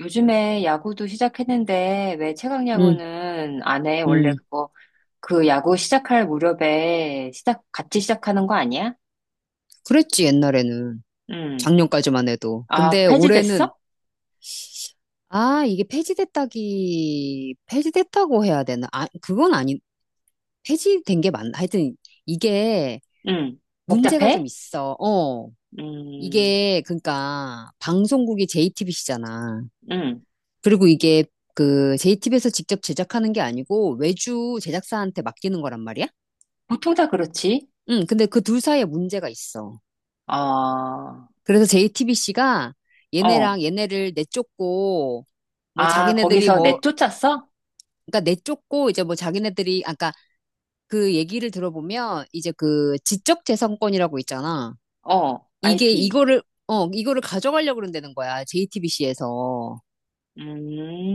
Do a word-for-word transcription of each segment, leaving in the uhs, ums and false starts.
요즘에 야구도 시작했는데 왜 최강 응, 야구는 안 해? 원래 응. 그거 그 야구 시작할 무렵에 시작 같이 시작하는 거 아니야? 그랬지, 옛날에는. 음. 작년까지만 해도. 아, 근데 올해는, 폐지됐어? 아, 이게 폐지됐다기, 폐지됐다고 해야 되나? 아, 그건 아니, 폐지된 게 맞나? 하여튼, 이게 음. 문제가 좀 복잡해? 있어. 어. 음. 이게, 그러니까, 방송국이 제이티비씨잖아. 음. 그리고 이게, 그, 제이티비씨에서 직접 제작하는 게 아니고, 외주 제작사한테 맡기는 거란 말이야? 보통 다 그렇지. 응, 근데 그 둘 사이에 문제가 있어. 어. 그래서 제이티비씨가 어. 얘네랑 얘네를 내쫓고 뭐 아, 자기네들이 거기서 뭐 내쫓았어? 그러니까 내쫓고 이제 뭐 자기네들이 아까 그 얘기를 들어보면 이제 그 지적 재산권이라고 있잖아. 어. 이게 아이 피. 이거를 어 이거를 가져가려고 그런다는 거야. 제이티비씨에서.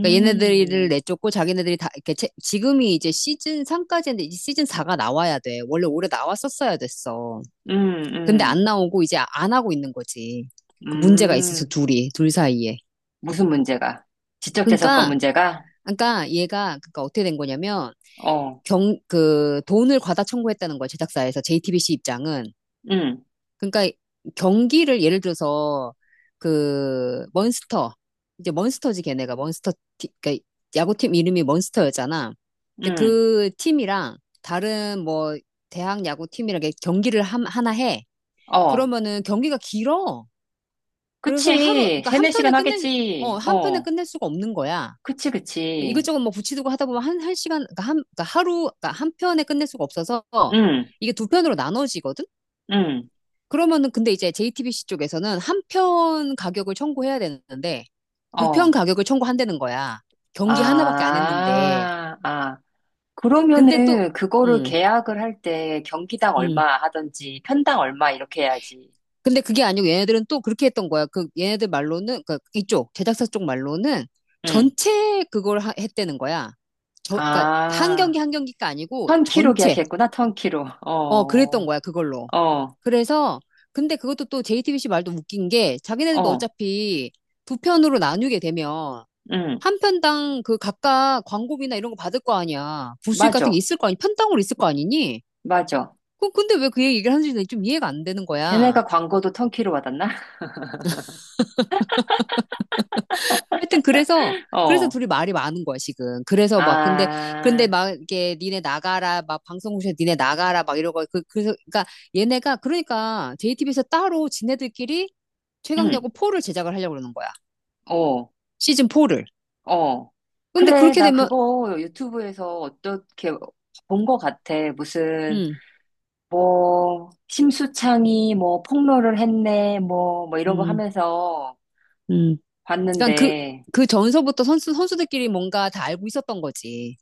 그러니까 얘네들을 내쫓고 자기네들이 다 이렇게 채- 지금이 이제 시즌 삼까지인데 이제 시즌 사가 나와야 돼. 원래 올해 나왔었어야 됐어. 음. 근데 음. 안 나오고 이제 안 하고 있는 거지. 그 문제가 있어서 음. 둘이 둘 사이에. 무슨 문제가? 지적재산권 그러니까 문제가? 그러니까 얘가 그러니까 어떻게 된 거냐면 어. 경 그 돈을 과다 청구했다는 거야, 제작사에서. 제이티비씨 입장은 음. 그러니까 경기를 예를 들어서 그 먼스터 이제 먼스터지 걔네가 먼스터 티- 그러니까 야구팀 이름이 먼스터였잖아. 근데 음. 그 팀이랑 다른 뭐 대학 야구팀이랑 이렇게 경기를 함- 하나 해. 어, 그러면은 경기가 길어. 그래서 하루 그치. 그러니까 한 세네 편에 시간 끝낼 어, 하겠지. 한 편에 어, 끝낼 수가 없는 거야. 그치, 그치. 이것저것 뭐 붙이두고 하다 보면 한, 한 시간, 그러니까 한, 그러니까 하루, 그러니까 한 편에 끝낼 수가 없어서 응, 이게 두 편으로 나눠지거든? 응, 그러면은 근데 이제 제이티비씨 쪽에서는 한 편 가격을 청구해야 되는데 두 편 어. 가격을 청구한다는 거야. 경기 하나밖에 안 했는데. 아, 아. 근데 또, 그러면은 그거를 음, 계약을 할 때 경기당 음. 얼마 하든지 편당 얼마 이렇게 해야지. 근데 그게 아니고 얘네들은 또 그렇게 했던 거야. 그 얘네들 말로는, 그 이쪽, 제작사 쪽 말로는 응. 전체 그걸 하- 했다는 거야. 저, 그러니까 한 아, 경기 한 경기가 아니고 턴키로 전체. 계약했구나, 턴키로. 어, 그랬던 어, 거야, 그걸로. 어, 그래서 근데 그것도 또 제이티비씨 말도 웃긴 게 자기네들도 어. 어차피 두 편으로 나누게 되면 응. 한 편당 그 각각 광고비나 이런 거 받을 거 아니야. 부수익 같은 맞아, 게 있을 거 아니, 편당으로 있을 거 아니니? 맞아. 그 근데 왜 그 얘기를 하는지 좀 이해가 안 되는 거야. 걔네가 광고도 턴키로 받았나? 하여튼 그래서 그래서 어. 둘이 말이 많은 거야, 지금. 그래서 막 근데 근데 아, 막 이게 니네 나가라, 막 방송국에서 니네 나가라, 막 이러고 그 그래서 그러니까 얘네가 그러니까 제이티비씨에서 따로 지네들끼리 최강 응. 야구 포를 제작을 하려고 그러는 거야. 어. 시즌 포를. 어, 근데 그래, 그렇게 나 되면, 그거 유튜브에서 어떻게 본 것 같아. 무슨, 음, 뭐, 심수창이 뭐 폭로를 했네, 뭐, 뭐 이런 거 음, 하면서 음. 그러니까 그, 봤는데, 그 전서부터 선수, 선수들끼리 뭔가 다 알고 있었던 거지.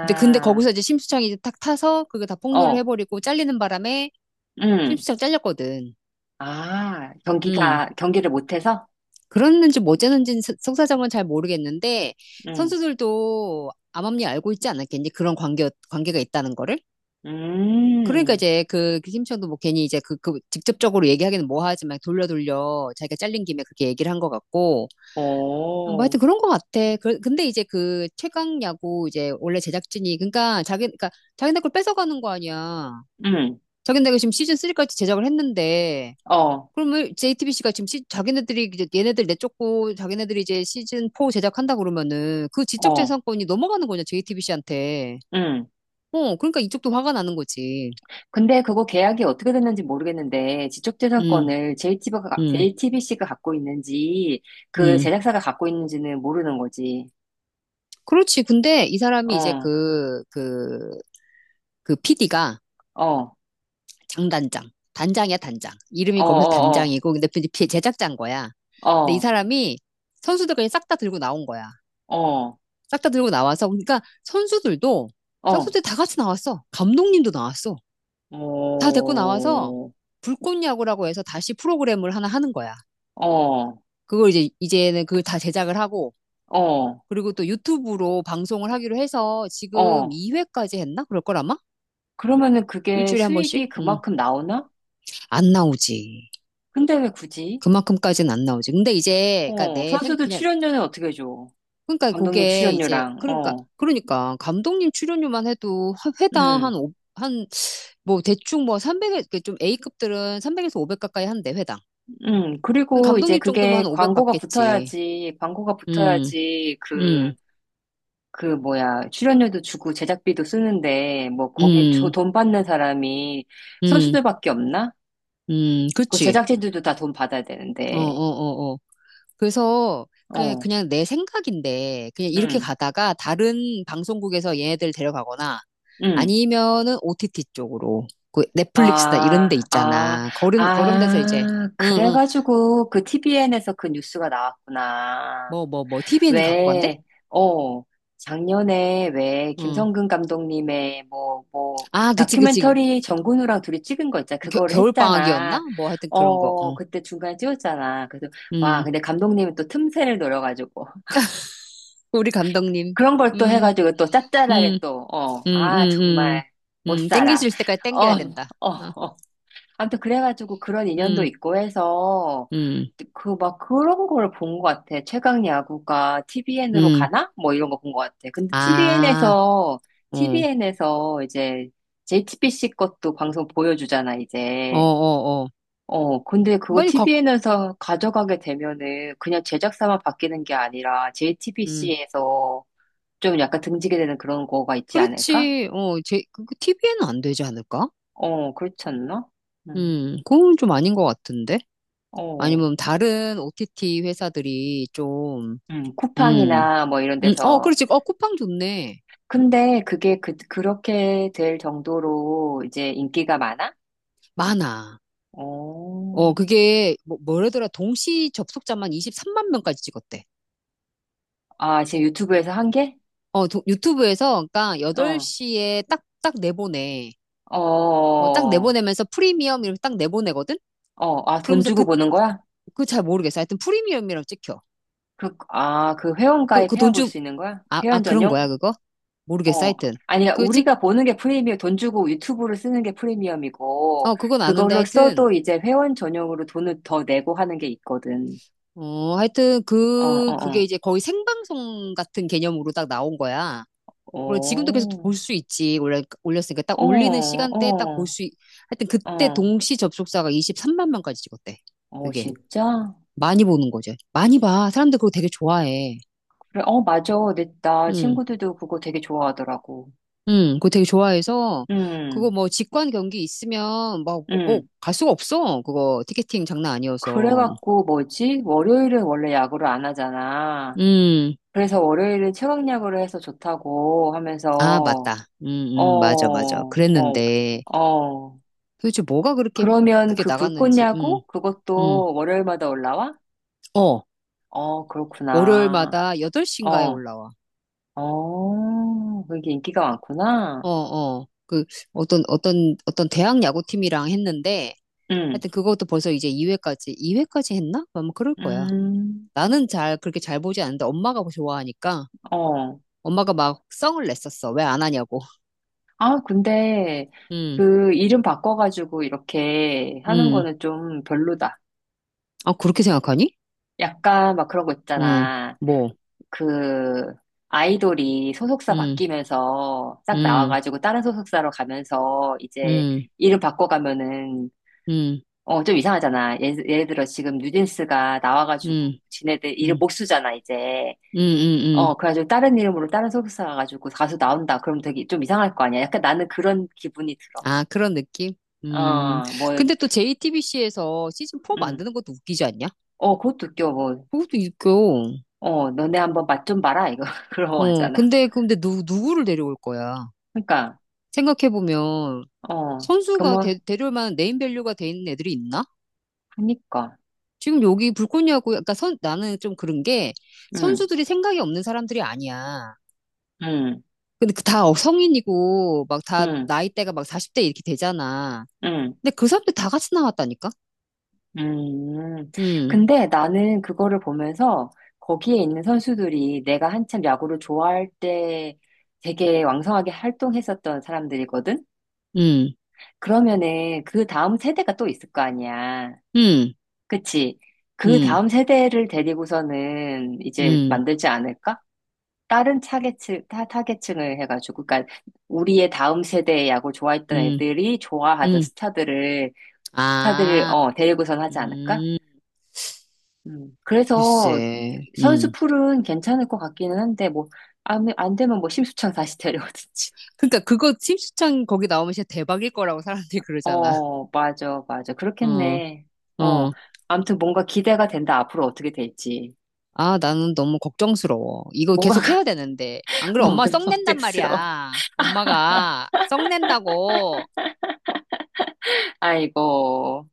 근데, 근데 거기서 이제 심수창이 이제 탁 타서 그거 다 폭로를 어, 해버리고 잘리는 바람에 응, 심수창 잘렸거든. 아, 음. 경기가, 경기를 못해서? 그랬는지 뭐 어쨌는지 속사정은 잘 모르겠는데 응, 선수들도 암암리 알고 있지 않았겠니? 그런 관계, 관계가 있다는 거를? 그러니까 음, 이제 그, 그 심수창도 뭐 괜히 이제 그, 그 직접적으로 얘기하기는 뭐하지만 돌려 돌려 자기가 잘린 김에 그렇게 얘기를 한 것 같고, 뭐 오, 하여튼 그런 것 같아. 그, 근데 이제 그 최강 야구 이제 원래 제작진이 그러니까 자기 그러니까 자기네 걸 뺏어가는 거 아니야. 응, 자기네가 지금 시즌 쓰리까지 제작을 했는데 어, 그러면 제이티비씨가 지금 시, 자기네들이 이제 얘네들 내쫓고 자기네들이 이제 시즌 포 제작한다 그러면은 그 지적 어, 재산권이 넘어가는 거냐, 제이티비씨한테. 응. 어, 그러니까 이쪽도 화가 나는 거지. 근데 그거 계약이 어떻게 됐는지 모르겠는데 음, 지적재산권을 음, 제이티비씨가, 가 갖고 있는지 그 음. 제작사가 갖고 있는지는 모르는 거지. 그렇지. 근데 이 사람이 이제 어, 그, 그, 그 피디가 어, 장단장. 단장이야, 단장. 어, 이름이 거기서 어, 단장이고, 근데 제작자인 거야. 근데 이 어, 사람이 선수들 그냥 싹 다 들고 나온 거야. 어, 어, 싹 다 들고 나와서, 그러니까 선수들도, 어, 선수들 다 같이 나왔어. 감독님도 나왔어. 다 데리고 나와서 어, 불꽃야구라고 해서 다시 프로그램을 하나 하는 거야. 어, 그걸 이제, 이제는 그걸 다 제작을 하고, 어, 그리고 또 유튜브로 방송을 하기로 해서 지금 어. 이 회까지 했나? 그럴 걸, 아마? 그러면은 그게 일주일에 한 번씩? 수익이 음, 그만큼 나오나? 안 나오지. 근데 왜 굳이? 그만큼까지는 안 나오지. 근데 이제, 그니까 어, 내 생, 선수들 그냥 출연료는 어떻게 줘? 그러니까 감독님 그게 이제 출연료랑, 그러니까 어, 그러니까 감독님 출연료만 해도 화- 회당 음. 한 오- 한 뭐 대충 뭐 삼백에, 좀 에이급들은 삼백에서 오백 가까이 한대, 회당. 음, 그럼 그리고 이제 감독님 정도면 그게 한 오백 광고가 받겠지. 붙어야지, 광고가 음. 붙어야지, 그, 음. 그 뭐야, 출연료도 주고 제작비도 쓰는데, 뭐, 거기 저 음. 돈 받는 사람이 음. 선수들밖에 없나? 음. 그 그치. 제작진들도 다 돈 받아야 어, 어, 되는데, 어, 어. 그래서 그냥 어, 그냥 내 생각인데 그냥 이렇게 응, 가다가 다른 방송국에서 얘네들 데려가거나, 응. 아니면은 오티티 쪽으로 그 넷플릭스나 이런 데 아, 아, 있잖아, 그런 그런 데서 이제. 아, 응응. 그래가지고 그 티비엔에서 그 뉴스가 나왔구나. 뭐 뭐 뭐 티비 는 갖고 간대? 왜, 어, 작년에 왜 응. 김성근 감독님의 뭐, 뭐, 아, 그치 그치. 다큐멘터리 정근우랑 둘이 찍은 거 있잖아. 겨, 그거를 겨울 했잖아. 방학이었나? 뭐 하여튼 그런 거. 어, 어. 그때 중간에 찍었잖아. 그래서, 와, 음. 근데 감독님은 또 틈새를 노려가지고. 우리 감독님. 그런 걸 또 음. 해가지고 또 짭짤하게 음. 또, 어, 음. 아, 음. 음. 정말 못 음. 땡길 살아. 수 있을 때까지 어, 땡겨야 된다. 어, 어. 어. 아무튼 그래가지고 그런 인연도 음. 있고 해서 음. 그 막 그런 걸 본 것 같아. 최강 야구가 티비엔으로 음. 가나? 뭐 이런 거 본 것 같아. 근데 아. 티비엔에서 어. 티비엔에서 이제 제이티비씨 것도 방송 보여주잖아 어, 이제. 어, 어. 어, 근데 그거 빨리 각. 티비엔에서 가져가게 되면은 그냥 제작사만 바뀌는 게 아니라 음. 제이티비씨에서 좀 약간 등지게 되는 그런 거가 있지 않을까? 그렇지. 어, 제, 그, 티비에는 안 되지 않을까? 어, 그렇지 않나? 음, 음, 그건 좀 아닌 것 같은데? 어, 아니면 다른 오티티 회사들이 좀, 음, 음, 쿠팡이나 뭐 이런 음, 어, 데서 그렇지. 어, 쿠팡 좋네. 근데 그게 그, 그렇게 될 정도로 이제 인기가 많아? 많아. 오. 어, 그게, 뭐, 뭐라더라. 동시 접속자만 이십삼만 명까지 찍었대. 아, 지금 유튜브에서 한 게? 어, 도- 유튜브에서, 그러니까 어. 여덟 시에 딱, 딱 내보내. 어, 딱 어. 내보내면서 프리미엄 이렇게 딱 내보내거든? 어. 아, 돈 그러면서 주고 그, 보는 거야? 그 잘 모르겠어. 하여튼 프리미엄이라고 찍혀. 그, 아, 그 회원 그, 그 가입해야 돈 볼 주, 수 있는 거야? 아, 아, 회원 그런 거야, 전용? 그거? 모르겠어. 어. 하여튼. 아니, 그 찍, 우리가 보는 게 프리미엄, 돈 주고 유튜브를 쓰는 게 프리미엄이고, 어, 그건 아는데 그걸로 하여튼. 써도 이제 회원 전용으로 돈을 더 내고 하는 게 있거든. 어, 하여튼 어, 그 그게 어, 이제 거의 생방송 같은 개념으로 딱 나온 거야. 어. 물론 지금도 계속 볼 오. 수 있지. 올려, 올렸으니까 딱 어, 올리는 시간대에 딱 볼 어, 수 있... 하여튼 그때 어. 동시 접속자가 이십삼만 명까지 찍었대. 어, 그게 진짜? 많이 보는 거죠. 많이 봐. 사람들 그거 되게 좋아해. 그래, 어, 맞아. 근데 나 응, 친구들도 그거 되게 좋아하더라고. 응, 그거 되게 좋아해서 음, 그거 뭐 직관 경기 있으면 음. 막뭐갈 수가 없어. 그거 티켓팅 장난 아니어서. 그래갖고 뭐지? 월요일은 원래 야구를 안 하잖아. 음, 그래서 월요일은 최강야구를 해서 좋다고 아, 하면서, 맞다. 음, 어, 음, 맞아, 맞아. 어, 그랬는데. 어. 도대체 뭐가 그렇게 그러면 그게 그 나갔는지. 음. 불꽃야구? 음. 그것도 월요일마다 올라와? 어. 어, 그렇구나. 월요일마다 여덟 시인가에 어, 올라와. 어, 그게 인기가 많구나. 어, 어. 그 어떤 어떤 어떤 대학 야구팀이랑 했는데, 음, 하여튼 그것도 벌써 이제 이 회까지 이 회까지 했나? 아마 그럴 거야. 음, 나는 잘, 그렇게 잘 보지 않는데 엄마가 뭐 좋아하니까. 어. 엄마가 막 성을 냈었어. 왜 안 하냐고. 아, 근데 음. 그 이름 바꿔가지고 이렇게 하는 음. 거는 좀 별로다. 아, 그렇게 생각하니? 약간 막 그런 거 음. 있잖아. 뭐. 그 아이돌이 소속사 음. 바뀌면서 딱 음. 나와가지고 다른 소속사로 가면서 이제 음. 이름 바꿔가면은 음. 어, 좀 이상하잖아. 예, 예를 들어 지금 뉴진스가 나와가지고 음. 지네들 음. 이름 음. 못 쓰잖아, 이제. 음. 음. 어, 그래가지고 다른 이름으로 다른 소속사 가가지고 가수 나온다. 그럼 되게 좀 이상할 거 아니야. 약간 나는 그런 기분이 들어. 아, 그런 느낌? 음. 어, 뭐, 근데 또 제이티비씨에서 시즌 포 음. 만드는 것도 웃기지 않냐? 어, 그것도 웃겨, 뭐. 그것도 웃겨. 어, 너네 한번 맛 좀 봐라, 이거. 그러고 어, 하잖아. 근데, 근데 누, 누구를 데려올 거야? 그러니까, 생각해보면, 어, 그 선수가 뭐, 데, 데려올 만한 네임밸류가 돼 있는 애들이 있나? 하니까. 지금 여기 불꽃이하고, 그러니까 선, 나는 좀 그런 게, 응, 선수들이 생각이 없는 사람들이 아니야. 응, 근데 그 다 성인이고, 막 다 응, 나이대가 막 사십 대 이렇게 되잖아. 응, 근데 그 사람들 다 같이 나왔다니까? 음. 음, 근데 나는 그거를 보면서 거기에 있는 선수들이 내가 한참 야구를 좋아할 때 되게 왕성하게 활동했었던 사람들이거든? 음, 그러면은 그 다음 세대가 또 있을 거 아니야. 음, 그치? 그 음, 다음 세대를 데리고서는 이제 음, 만들지 않을까? 다른 타겟층, 타, 타겟층을 해가지고, 그러니까 우리의 다음 세대의 야구를 좋아했던 음. 애들이 좋아하던 음. 스타들을, 스타들을, 아, 어, 데리고선 하지 않을까? 음, 음. 그래서 글쎄, 선수 음. 풀은 괜찮을 것 같기는 한데, 뭐, 안, 안 되면 뭐 심수창 다시 데려오든지. 그러니까 그거 팀수창 거기 나오면 진짜 대박일 거라고 사람들이 그러잖아. 어, 맞아, 맞아. 어, 그렇겠네. 어. 어. 아무튼 뭔가 기대가 된다. 앞으로 어떻게 될지. 아, 나는 너무 걱정스러워. 이거 뭐가, 계속 해야 되는데. 안 그래, 엄마 가 뭐가 썩낸단 어색스러워. 말이야. 엄마가 썩낸다고. 아이고.